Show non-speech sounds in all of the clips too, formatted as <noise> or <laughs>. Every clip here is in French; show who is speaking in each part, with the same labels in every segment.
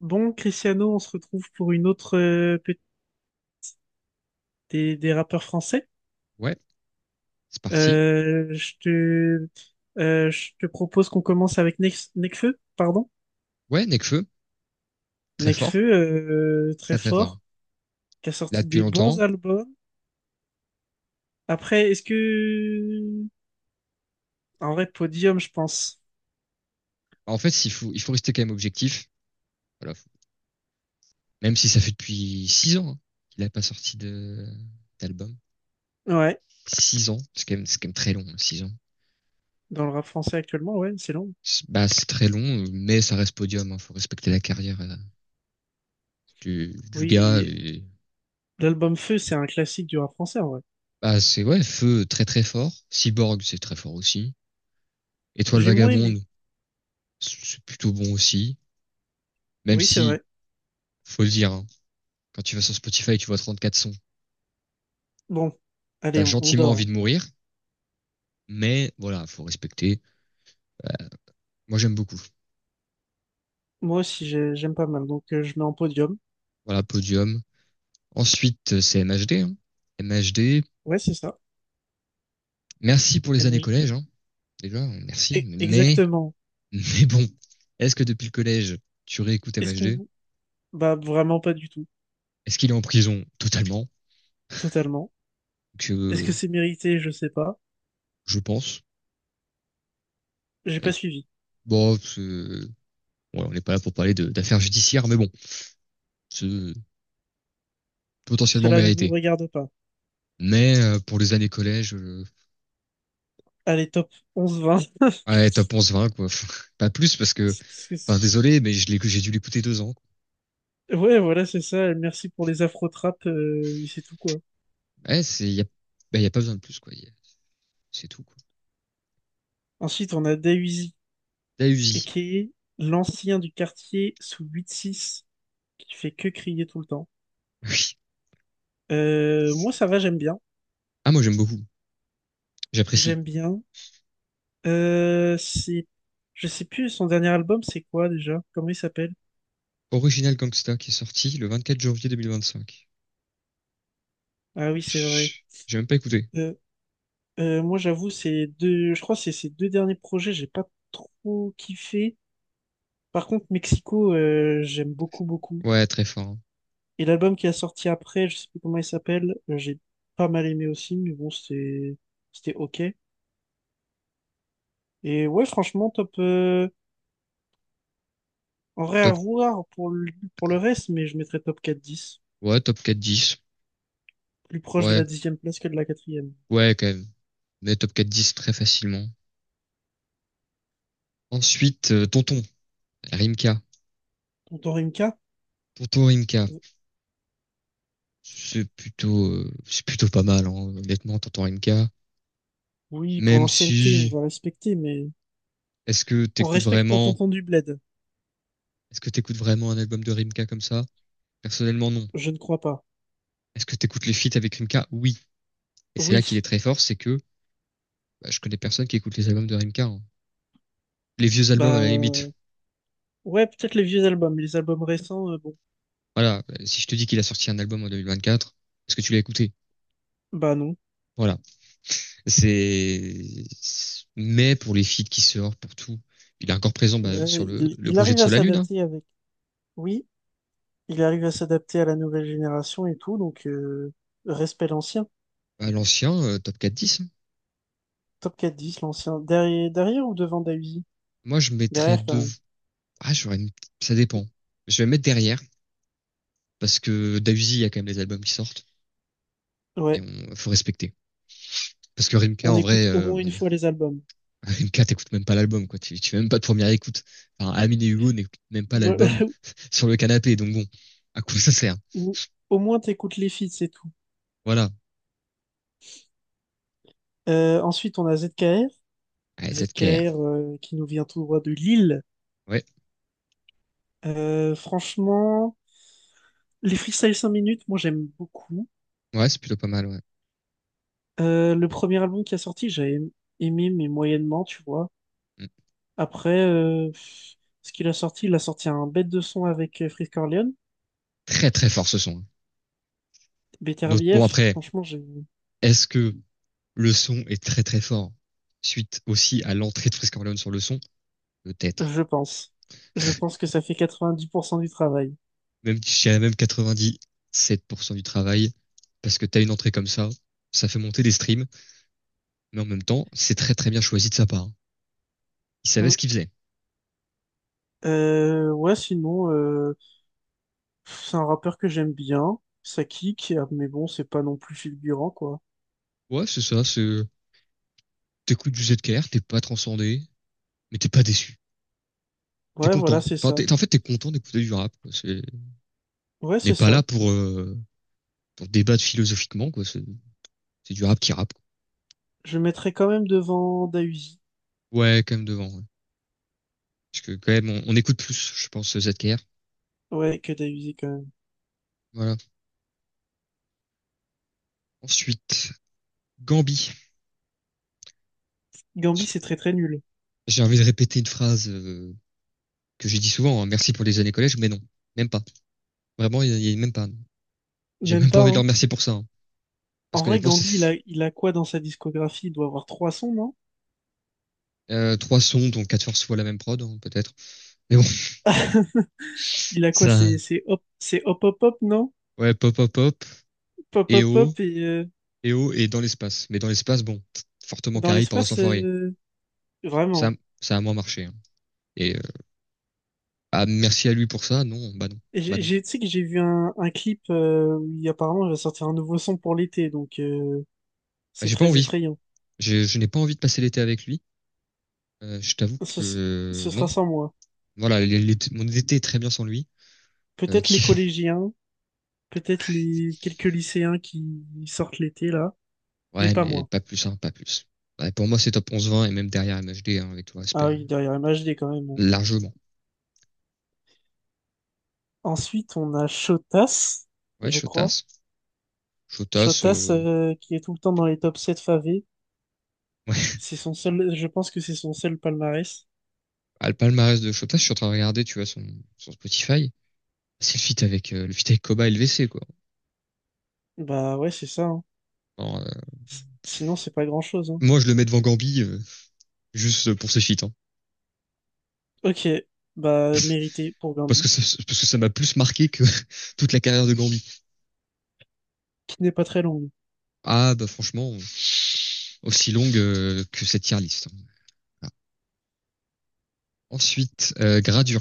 Speaker 1: Bon, Cristiano, on se retrouve pour une autre des rappeurs français.
Speaker 2: Ouais, c'est parti.
Speaker 1: Euh, je te, je te propose qu'on commence avec Nekfeu, pardon.
Speaker 2: Ouais, Nekfeu, très fort,
Speaker 1: Nekfeu, très
Speaker 2: très très fort.
Speaker 1: fort, qui a
Speaker 2: Là
Speaker 1: sorti
Speaker 2: depuis
Speaker 1: des bons
Speaker 2: longtemps.
Speaker 1: albums. Après, est-ce que... En vrai, Podium, je pense.
Speaker 2: En fait, il faut rester quand même objectif. Voilà. Faut- Même si ça fait depuis 6 ans, hein, qu'il n'a pas sorti de d'album.
Speaker 1: Ouais,
Speaker 2: 6 ans, c'est quand même très long, hein, 6 ans.
Speaker 1: dans le rap français actuellement, ouais, c'est long.
Speaker 2: C'est- Bah, c'est très long, mais ça reste podium. Hein. Faut respecter la carrière du gars.
Speaker 1: Oui,
Speaker 2: Et...
Speaker 1: l'album Feu, c'est un classique du rap français, en vrai.
Speaker 2: Bah, c'est ouais, Feu très très fort. Cyborg, c'est très fort aussi. Étoile
Speaker 1: J'ai moins aimé.
Speaker 2: vagabonde, c'est plutôt bon aussi. Même
Speaker 1: Oui, c'est
Speaker 2: si,
Speaker 1: vrai.
Speaker 2: faut le dire, hein, quand tu vas sur Spotify, tu vois 34 sons.
Speaker 1: Bon,
Speaker 2: T'as
Speaker 1: allez, on
Speaker 2: gentiment
Speaker 1: dort,
Speaker 2: envie
Speaker 1: hein.
Speaker 2: de mourir, mais voilà, faut respecter. Euh, Moi, j'aime beaucoup.
Speaker 1: Moi aussi, j'aime pas mal, donc je mets en Podium.
Speaker 2: Voilà, podium. Ensuite, c'est MHD, hein. MHD,
Speaker 1: Ouais, c'est ça.
Speaker 2: merci pour les années
Speaker 1: Imagine-
Speaker 2: collège, hein. Déjà, merci.
Speaker 1: Exactement.
Speaker 2: Mais bon, est-ce que depuis le collège, tu réécoutes
Speaker 1: Est-ce
Speaker 2: MHD?
Speaker 1: qu'on... Bah, vraiment pas du tout.
Speaker 2: Est-ce qu'il est en prison? Totalement.
Speaker 1: Totalement. Est-ce que
Speaker 2: Que
Speaker 1: c'est mérité? Je sais pas.
Speaker 2: je pense.
Speaker 1: J'ai pas
Speaker 2: Et,
Speaker 1: suivi.
Speaker 2: bon, c'est- ouais, on n'est pas là pour parler de- d'affaires judiciaires, mais bon, c'est potentiellement
Speaker 1: Cela ne nous
Speaker 2: mérité.
Speaker 1: regarde pas.
Speaker 2: Mais pour les années collège,
Speaker 1: Allez, top 11-20. <laughs>
Speaker 2: ouais, top 11-20, quoi. <laughs> Pas plus, parce
Speaker 1: Que
Speaker 2: que, enfin,
Speaker 1: c'est-
Speaker 2: désolé, mais j'ai dû l'écouter 2 ans, quoi.
Speaker 1: Ouais, voilà, c'est ça. Merci pour les afro-trappes, mais c'est tout, quoi.
Speaker 2: Ouais, c'est, y a, bah, y a pas besoin de plus, quoi. Y a- C'est tout, quoi.
Speaker 1: Ensuite, on a Dayuzi,
Speaker 2: La Uzi. <laughs>
Speaker 1: aka l'ancien du quartier sous huit six qui fait que crier tout le temps.
Speaker 2: Oui.
Speaker 1: Moi, ça va, j'aime bien.
Speaker 2: Ah, moi, j'aime beaucoup. J'apprécie.
Speaker 1: J'aime bien. C'est... Je sais plus, son dernier album, c'est quoi, déjà? Comment il s'appelle?
Speaker 2: Original Gangsta qui est sorti le 24 janvier 2025.
Speaker 1: Ah oui, c'est vrai.
Speaker 2: Chut, j'ai même pas écouté.
Speaker 1: Euh, Moi, j'avoue, ces deux, je crois que c'est ces deux derniers projets, j'ai pas trop kiffé. Par contre, Mexico, j'aime beaucoup, beaucoup.
Speaker 2: Ouais, très fort, hein.
Speaker 1: Et l'album qui a sorti après, je sais plus comment il s'appelle, j'ai pas mal aimé aussi, mais bon, c'était ok. Et ouais, franchement, top, en vrai, à
Speaker 2: Top,
Speaker 1: voir pour le reste, mais je mettrais top 4-10.
Speaker 2: ouais, top 4-10.
Speaker 1: Plus proche de
Speaker 2: Ouais,
Speaker 1: la dixième place que de la quatrième.
Speaker 2: ouais, quand même. Mais top 4-10 très facilement. Ensuite, Tonton, Rimka.
Speaker 1: Tonton Rimka?
Speaker 2: Tonton Rimka. C'est plutôt pas mal, hein, honnêtement, Tonton Rimka.
Speaker 1: Oui, pour
Speaker 2: Même
Speaker 1: l'ancienneté, on
Speaker 2: si,
Speaker 1: va respecter, mais
Speaker 2: Est-ce que
Speaker 1: on
Speaker 2: t'écoutes
Speaker 1: respecte pour
Speaker 2: vraiment,
Speaker 1: Tonton du Bled.
Speaker 2: est-ce que t'écoutes vraiment un album de Rimka comme ça? Personnellement, non.
Speaker 1: Je ne crois pas.
Speaker 2: Est-ce que t'écoutes les feats avec Rimka? Oui. Et c'est là
Speaker 1: Oui,
Speaker 2: qu'il est très fort, c'est que bah, je connais personne qui écoute les albums de Rimka, hein. Les vieux albums à
Speaker 1: bah
Speaker 2: la limite.
Speaker 1: ouais, peut-être les vieux albums, les albums récents, bon,
Speaker 2: Voilà. Si je te dis qu'il a sorti un album en 2024, est-ce que tu l'as écouté?
Speaker 1: bah non.
Speaker 2: Voilà. C'est, mais pour les feats qui sortent, pour tout, il est encore présent, bah,
Speaker 1: Ouais,
Speaker 2: sur le,
Speaker 1: il,
Speaker 2: le
Speaker 1: il
Speaker 2: projet de
Speaker 1: arrive à
Speaker 2: Sol Lune, hein.
Speaker 1: s'adapter avec. Oui, il arrive à s'adapter à la nouvelle génération et tout, donc respect l'ancien.
Speaker 2: Bah, l'ancien Top 4-10, hein.
Speaker 1: Top 4-10, l'ancien. Derrière, derrière ou devant Dahuzi?
Speaker 2: Moi, je mettrais
Speaker 1: Derrière quand
Speaker 2: deux.
Speaker 1: même.
Speaker 2: Ah, j'aurais. Ça dépend. Je vais mettre derrière, parce que Dahuzi, il y a quand même des albums qui sortent et
Speaker 1: Ouais,
Speaker 2: on faut respecter. Parce que Rimka,
Speaker 1: on
Speaker 2: en vrai,
Speaker 1: écoute au moins une fois les albums.
Speaker 2: <laughs> Rimka, t'écoutes même pas l'album, quoi. Tu fais même pas de première écoute. Enfin, Amine et Hugo n'écoutent même pas
Speaker 1: Ou,
Speaker 2: l'album
Speaker 1: <laughs>
Speaker 2: <laughs> sur le canapé, donc bon, à quoi ça sert?
Speaker 1: ou au moins t'écoutes les feats, c'est tout.
Speaker 2: Voilà.
Speaker 1: Ensuite, on a ZKR.
Speaker 2: Allez, cette
Speaker 1: ZKR
Speaker 2: care.
Speaker 1: euh, qui nous vient tout droit de Lille.
Speaker 2: Ouais,
Speaker 1: Franchement, les freestyles 5 minutes, moi j'aime beaucoup.
Speaker 2: ouais, c'est plutôt pas mal, ouais.
Speaker 1: Le premier album qui a sorti, j'ai aimé, mais moyennement, tu vois.
Speaker 2: Mm.
Speaker 1: Après, ce qu'il a sorti, il a sorti un bête de son avec Frisk Orleans,
Speaker 2: Très très fort ce son, hein. Notre- Bon
Speaker 1: BTRBF,
Speaker 2: après,
Speaker 1: franchement,
Speaker 2: est-ce que le son est très très fort suite aussi à l'entrée de Frisk Orleans sur le son? Peut-être.
Speaker 1: je pense. Je pense que ça fait 90% du travail.
Speaker 2: Même, je dirais même 97% du travail, parce que t'as une entrée comme ça fait monter des streams, mais en même temps, c'est très très bien choisi de sa part. Il savait
Speaker 1: Mm.
Speaker 2: ce qu'il faisait.
Speaker 1: Ouais, sinon, c'est un rappeur que j'aime bien, ça kick, mais bon, c'est pas non plus fulgurant, quoi.
Speaker 2: Ouais, c'est ça, c'est, t'écoutes du ZKR, t'es pas transcendé, mais t'es pas déçu. T'es
Speaker 1: Ouais,
Speaker 2: content.
Speaker 1: voilà, c'est
Speaker 2: Enfin,
Speaker 1: ça.
Speaker 2: t'es, en fait, t'es content d'écouter du rap, quoi. C'est, on
Speaker 1: Ouais,
Speaker 2: n'est
Speaker 1: c'est
Speaker 2: pas là
Speaker 1: ça.
Speaker 2: pour débattre philosophiquement, quoi. C'est du rap qui rappe, quoi.
Speaker 1: Je mettrais quand même devant Dahuzi.
Speaker 2: Ouais, quand même devant, ouais. Parce que quand même, on écoute plus, je pense, ZKR.
Speaker 1: Ouais, que Dahuzi, quand même.
Speaker 2: Voilà. Ensuite, Gambi.
Speaker 1: Gambi, c'est très très nul.
Speaker 2: J'ai envie de répéter une phrase que je dis souvent, hein, merci pour les années collège, mais non, même pas. Vraiment, il y a même pas. J'ai
Speaker 1: Même
Speaker 2: même pas
Speaker 1: pas,
Speaker 2: envie de leur
Speaker 1: hein.
Speaker 2: remercier pour ça, hein. Parce
Speaker 1: En vrai,
Speaker 2: qu'honnêtement, c'est
Speaker 1: Gambi, il a quoi dans sa discographie? Il doit avoir trois sons, non?
Speaker 2: trois sons, dont quatre forces fois la même prod, hein, peut-être. Mais bon, <laughs>
Speaker 1: Il a quoi?
Speaker 2: ça,
Speaker 1: C'est hop, c'est hop, hop, hop, non?
Speaker 2: ouais, pop, pop, pop,
Speaker 1: Pop,
Speaker 2: et
Speaker 1: hop,
Speaker 2: oh,
Speaker 1: hop, et
Speaker 2: et oh, et dans l'espace. Mais dans l'espace, bon, fortement
Speaker 1: dans
Speaker 2: carré par sans
Speaker 1: l'espace,
Speaker 2: Foirier. Ça,
Speaker 1: vraiment.
Speaker 2: ça a moins marché, hein. Et ah, merci à lui pour ça, non, bah non,
Speaker 1: Et
Speaker 2: bah non.
Speaker 1: Tu sais que j'ai vu un clip, où apparemment il va sortir un nouveau son pour l'été, donc
Speaker 2: Bah,
Speaker 1: c'est
Speaker 2: j'ai pas
Speaker 1: très
Speaker 2: envie.
Speaker 1: effrayant.
Speaker 2: Je n'ai pas envie de passer l'été avec lui. Je t'avoue
Speaker 1: Ce,
Speaker 2: que
Speaker 1: s- Ce
Speaker 2: non.
Speaker 1: sera sans moi.
Speaker 2: Voilà, l'été- mon été est très bien sans lui,
Speaker 1: Peut-être les
Speaker 2: qui
Speaker 1: collégiens, peut-être les quelques lycéens qui sortent l'été, là, mais
Speaker 2: ouais,
Speaker 1: pas
Speaker 2: mais
Speaker 1: moi.
Speaker 2: pas plus, hein, pas plus. Ouais, pour moi, c'est top 11-20 et même derrière MHD, hein, avec tout respect,
Speaker 1: Ah
Speaker 2: hein.
Speaker 1: oui, derrière MHD quand même.
Speaker 2: Largement.
Speaker 1: Ensuite, on a Chotas,
Speaker 2: Ouais,
Speaker 1: je crois.
Speaker 2: Chotas. Chotas,
Speaker 1: Chotas, qui est tout le temps dans les top 7 favés,
Speaker 2: <laughs> ouais.
Speaker 1: c'est son seul, je pense que c'est son seul palmarès.
Speaker 2: Ah, le palmarès de Chotas, je suis en train de regarder, tu vois, son Spotify. C'est le feat avec Koba et le LVC, quoi.
Speaker 1: Bah ouais, c'est ça, hein.
Speaker 2: Alors,
Speaker 1: Sinon, c'est pas grand-chose, hein.
Speaker 2: moi, je le mets devant Gambi, juste pour ses feats, hein.
Speaker 1: Ok, bah mérité pour
Speaker 2: Parce
Speaker 1: Gambi,
Speaker 2: que ça, parce que ça m'a plus marqué que <laughs> toute la carrière de Gambi.
Speaker 1: qui n'est pas très longue.
Speaker 2: Ah, bah, franchement, aussi longue, que cette tier list, hein. Voilà. Ensuite, Gradure.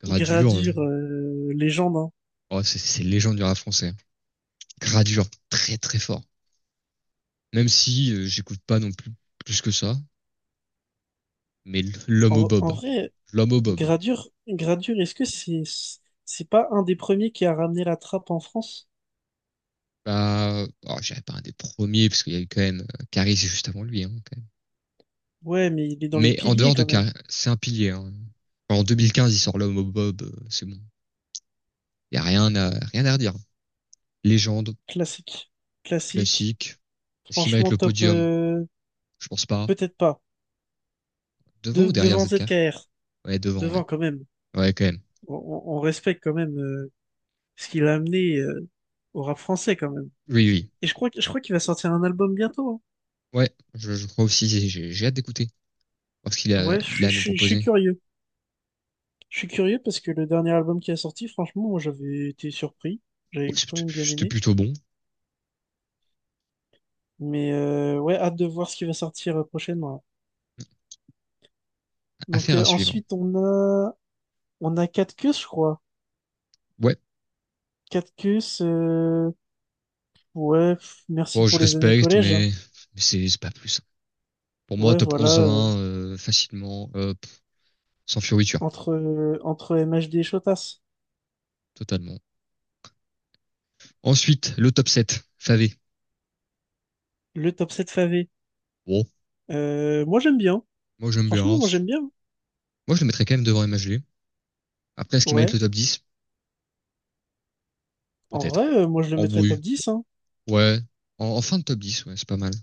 Speaker 2: Gradure,
Speaker 1: Gradure, légende, hein.
Speaker 2: oh, c'est une légende du rap français, hein. Gradure très très fort. Même si j'écoute pas non plus plus que ça, mais l'homme au
Speaker 1: En
Speaker 2: bob,
Speaker 1: vrai,
Speaker 2: l'homme au bob.
Speaker 1: Gradure, est-ce que c'est pas un des premiers qui a ramené la trappe en France?
Speaker 2: Bah, oh, j'avais pas un des premiers parce qu'il y a eu quand même Caris juste avant lui, hein, quand même.
Speaker 1: Ouais, mais il est dans les
Speaker 2: Mais en
Speaker 1: piliers
Speaker 2: dehors de
Speaker 1: quand même.
Speaker 2: Caris, c'est un pilier, hein. En 2015, il sort l'homme au bob, c'est bon. Y a rien à rien à redire. Légende
Speaker 1: Classique, classique.
Speaker 2: classique. Est-ce qu'il mérite
Speaker 1: Franchement,
Speaker 2: le
Speaker 1: top,
Speaker 2: podium? Je pense pas.
Speaker 1: peut-être pas.
Speaker 2: Devant ou derrière
Speaker 1: Devant
Speaker 2: ZK?
Speaker 1: ZKR,
Speaker 2: Ouais, devant, ouais.
Speaker 1: devant quand même.
Speaker 2: Ouais, quand même.
Speaker 1: On respecte quand même ce qu'il a amené au rap français quand même.
Speaker 2: Oui, oui.
Speaker 1: Et je crois qu'il va sortir un album bientôt,
Speaker 2: Ouais, je crois aussi. J'ai hâte d'écouter parce qu'il
Speaker 1: hein.
Speaker 2: a,
Speaker 1: Ouais, je
Speaker 2: il
Speaker 1: suis,
Speaker 2: a à
Speaker 1: je
Speaker 2: nous
Speaker 1: suis, je suis
Speaker 2: proposer.
Speaker 1: curieux. Je suis curieux parce que le dernier album qui a sorti, franchement, moi j'avais été surpris.
Speaker 2: Ouais,
Speaker 1: J'avais quand
Speaker 2: c'était
Speaker 1: même bien
Speaker 2: c'était
Speaker 1: aimé.
Speaker 2: plutôt bon.
Speaker 1: Mais ouais, hâte de voir ce qui va sortir prochainement, là. Donc
Speaker 2: Affaire à suivre.
Speaker 1: ensuite on a 4 queues, je crois.
Speaker 2: Ouais,
Speaker 1: 4 queues, ouais, merci
Speaker 2: bon,
Speaker 1: pour
Speaker 2: je
Speaker 1: les années
Speaker 2: respecte,
Speaker 1: collège, hein.
Speaker 2: mais c'est pas plus. Pour moi,
Speaker 1: Ouais,
Speaker 2: top
Speaker 1: voilà,
Speaker 2: onze vingt facilement, pff, sans fioriture,
Speaker 1: entre MHD et Chotas,
Speaker 2: totalement. Ensuite, le top sept Favé.
Speaker 1: le top 7 Fave.
Speaker 2: Bon,
Speaker 1: Moi, j'aime bien.
Speaker 2: moi j'aime
Speaker 1: Franchement,
Speaker 2: bien.
Speaker 1: moi,
Speaker 2: C'est-
Speaker 1: j'aime bien.
Speaker 2: Moi je le mettrais quand même devant MHG. Après, est-ce qu'il mérite
Speaker 1: Ouais.
Speaker 2: le top dix?
Speaker 1: En vrai,
Speaker 2: Peut-être.
Speaker 1: moi, je le
Speaker 2: En
Speaker 1: mettrais
Speaker 2: bruit,
Speaker 1: top 10, hein.
Speaker 2: ouais. En fin de top 10, ouais, c'est pas mal.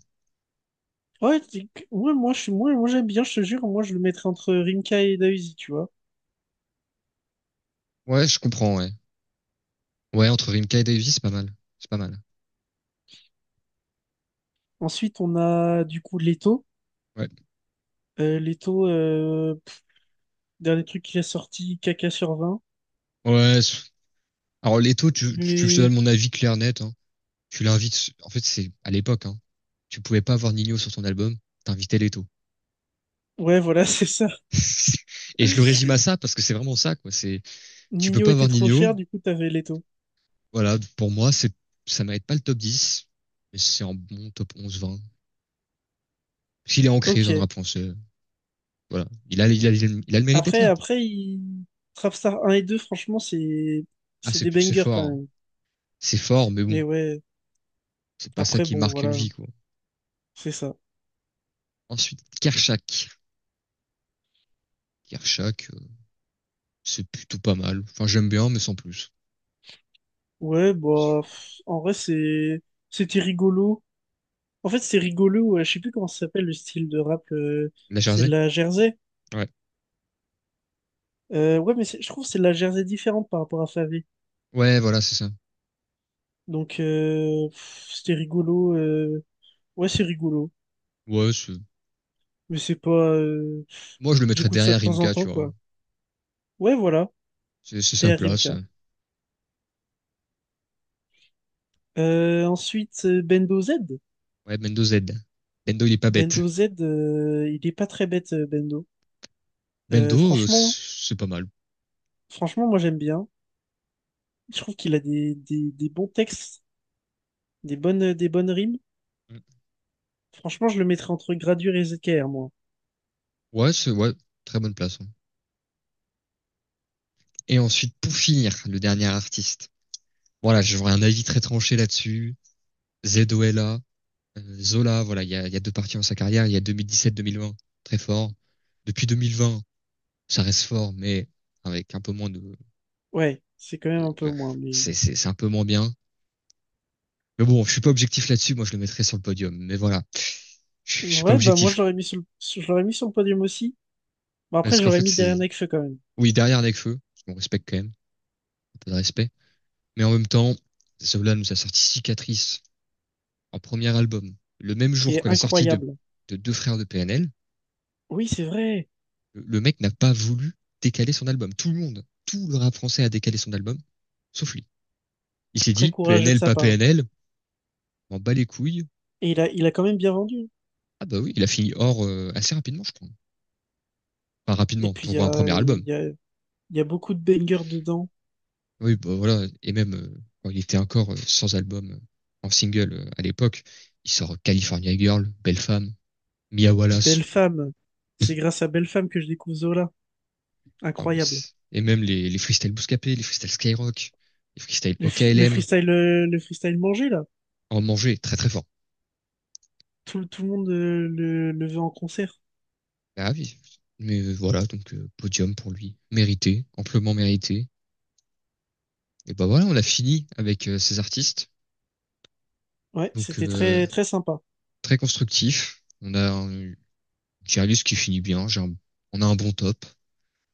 Speaker 1: Ouais, ouais, moi, j'aime bien, je te jure. Moi, je le mettrais entre Rimka et Daisy, tu vois.
Speaker 2: Ouais, je comprends, ouais. Ouais, entre Rimka et Davy, c'est pas mal. C'est pas mal.
Speaker 1: Ensuite, on a, du coup, Leto.
Speaker 2: Ouais.
Speaker 1: Leto, dernier truc qu'il a sorti, caca sur 20.
Speaker 2: Ouais, c'est- alors les taux, tu veux que je te
Speaker 1: Mais,
Speaker 2: donne mon avis clair net, hein. Tu l'invites. En fait, c'est à l'époque, hein, tu pouvais pas avoir Nino sur ton album, t'invitais Leto.
Speaker 1: ouais, voilà, <laughs> c'est ça.
Speaker 2: <laughs> Et je le résume à ça parce que c'est vraiment ça, quoi. C'est, tu peux
Speaker 1: Nino
Speaker 2: pas avoir
Speaker 1: était trop
Speaker 2: Nino.
Speaker 1: cher, du coup, t'avais Leto.
Speaker 2: Voilà, pour moi, c'est, ça mérite pas le top 10, mais c'est un bon top 11-20. S'il est ancré dans le
Speaker 1: Ok.
Speaker 2: rap français, voilà. Il a le mérite d'être
Speaker 1: Après,
Speaker 2: là.
Speaker 1: après, il... Trapstar un et deux, franchement, c'est,
Speaker 2: Ah,
Speaker 1: c'est
Speaker 2: c'est,
Speaker 1: des
Speaker 2: c'est
Speaker 1: bangers
Speaker 2: fort,
Speaker 1: quand
Speaker 2: hein.
Speaker 1: même.
Speaker 2: C'est fort, mais bon,
Speaker 1: Mais ouais,
Speaker 2: c'est pas ça
Speaker 1: après,
Speaker 2: qui
Speaker 1: bon,
Speaker 2: marque une
Speaker 1: voilà,
Speaker 2: vie, quoi.
Speaker 1: c'est ça.
Speaker 2: Ensuite, Kershak. Kershak, c'est plutôt pas mal. Enfin, j'aime bien, mais sans plus.
Speaker 1: Ouais, bah, en vrai, c'était rigolo. En fait, c'est rigolo. Je sais plus comment ça s'appelle le style de rap.
Speaker 2: La
Speaker 1: C'est de
Speaker 2: Jersey?
Speaker 1: la Jersey.
Speaker 2: Ouais.
Speaker 1: Ouais, mais je trouve que c'est de la Jersey différente par rapport à Favé.
Speaker 2: Ouais, voilà, c'est ça.
Speaker 1: Donc, c'était rigolo. Ouais, c'est rigolo.
Speaker 2: Ouais, c'est
Speaker 1: Mais c'est pas.
Speaker 2: moi, je le mettrais
Speaker 1: J'écoute ça de
Speaker 2: derrière
Speaker 1: temps en
Speaker 2: Rimka,
Speaker 1: temps,
Speaker 2: tu vois.
Speaker 1: quoi. Ouais, voilà.
Speaker 2: C'est sa
Speaker 1: TRMK.
Speaker 2: place.
Speaker 1: Ensuite, Bendo Z.
Speaker 2: Ouais, Bendo Z. Bendo, il est pas bête.
Speaker 1: Bendo Z, il est pas très bête, Bendo.
Speaker 2: Bendo,
Speaker 1: Franchement,
Speaker 2: c'est pas mal.
Speaker 1: franchement, moi, j'aime bien. Je trouve qu'il a des bons textes. Des bonnes rimes. Franchement, je le mettrais entre Gradure et ZKR, moi.
Speaker 2: Ouais, c'est, ouais, très bonne place, hein. Et ensuite, pour finir, le dernier artiste. Voilà, j'aurais un avis très tranché là-dessus. ZOLA, Zola, voilà, il y a deux parties dans sa carrière. Il y a 2017-2020, très fort. Depuis 2020, ça reste fort, mais avec un peu moins
Speaker 1: Ouais, c'est quand même un peu
Speaker 2: de-
Speaker 1: moins, mais.
Speaker 2: c'est un peu moins bien. Mais bon, je suis pas objectif là-dessus. Moi, je le mettrais sur le podium. Mais voilà, je suis pas
Speaker 1: Ouais, bah moi,
Speaker 2: objectif.
Speaker 1: je l'aurais mis sur le podium aussi. Bon, après,
Speaker 2: Parce qu'en
Speaker 1: j'aurais
Speaker 2: fait,
Speaker 1: mis derrière
Speaker 2: c'est,
Speaker 1: Nekfeu quand même,
Speaker 2: oui, derrière Nekfeu, on respecte quand même, un peu de respect. Mais en même temps, Zola nous a sorti Cicatrice en premier album, le même
Speaker 1: qui
Speaker 2: jour que
Speaker 1: est
Speaker 2: la sortie
Speaker 1: incroyable.
Speaker 2: de Deux Frères de PNL.
Speaker 1: Oui, c'est vrai.
Speaker 2: Le mec n'a pas voulu décaler son album. Tout le monde, tout le rap français a décalé son album, sauf lui. Il s'est
Speaker 1: Très
Speaker 2: dit,
Speaker 1: courageux de
Speaker 2: PNL,
Speaker 1: sa
Speaker 2: pas
Speaker 1: part.
Speaker 2: PNL, on bat les couilles.
Speaker 1: Et il a quand même bien vendu.
Speaker 2: Ah bah oui, il a fini hors assez rapidement, je crois. Enfin,
Speaker 1: Et
Speaker 2: rapidement,
Speaker 1: puis, il y
Speaker 2: pour un premier
Speaker 1: a, il
Speaker 2: album.
Speaker 1: y a, il y a beaucoup de bangers dedans.
Speaker 2: Oui, bah, voilà. Et même quand il était encore sans album en single à l'époque, il sort California Girl, Belle Femme, Mia
Speaker 1: Belle
Speaker 2: Wallace.
Speaker 1: femme. C'est grâce à Belle femme que je découvre Zola.
Speaker 2: Ah, mais
Speaker 1: Incroyable.
Speaker 2: c'est- et même les freestyles Bouscapé, les freestyles Skyrock, les freestyles
Speaker 1: Le, fi- le
Speaker 2: OKLM,
Speaker 1: freestyle, euh, le freestyle manger là.
Speaker 2: en manger très très fort.
Speaker 1: Tout le monde, le veut en concert.
Speaker 2: Ah oui. Mais voilà, donc podium pour lui, mérité, amplement mérité. Et bah voilà, on a fini avec ces artistes.
Speaker 1: Ouais,
Speaker 2: Donc
Speaker 1: c'était très, très sympa.
Speaker 2: très constructif. On a un- j'ai un liste qui finit bien, j'ai un- on a un bon top.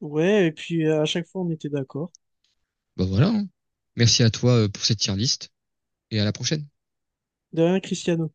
Speaker 1: Ouais, et puis à chaque fois, on était d'accord.
Speaker 2: Bah voilà, hein. Merci à toi pour cette tier list et à la prochaine.
Speaker 1: De rien, Cristiano.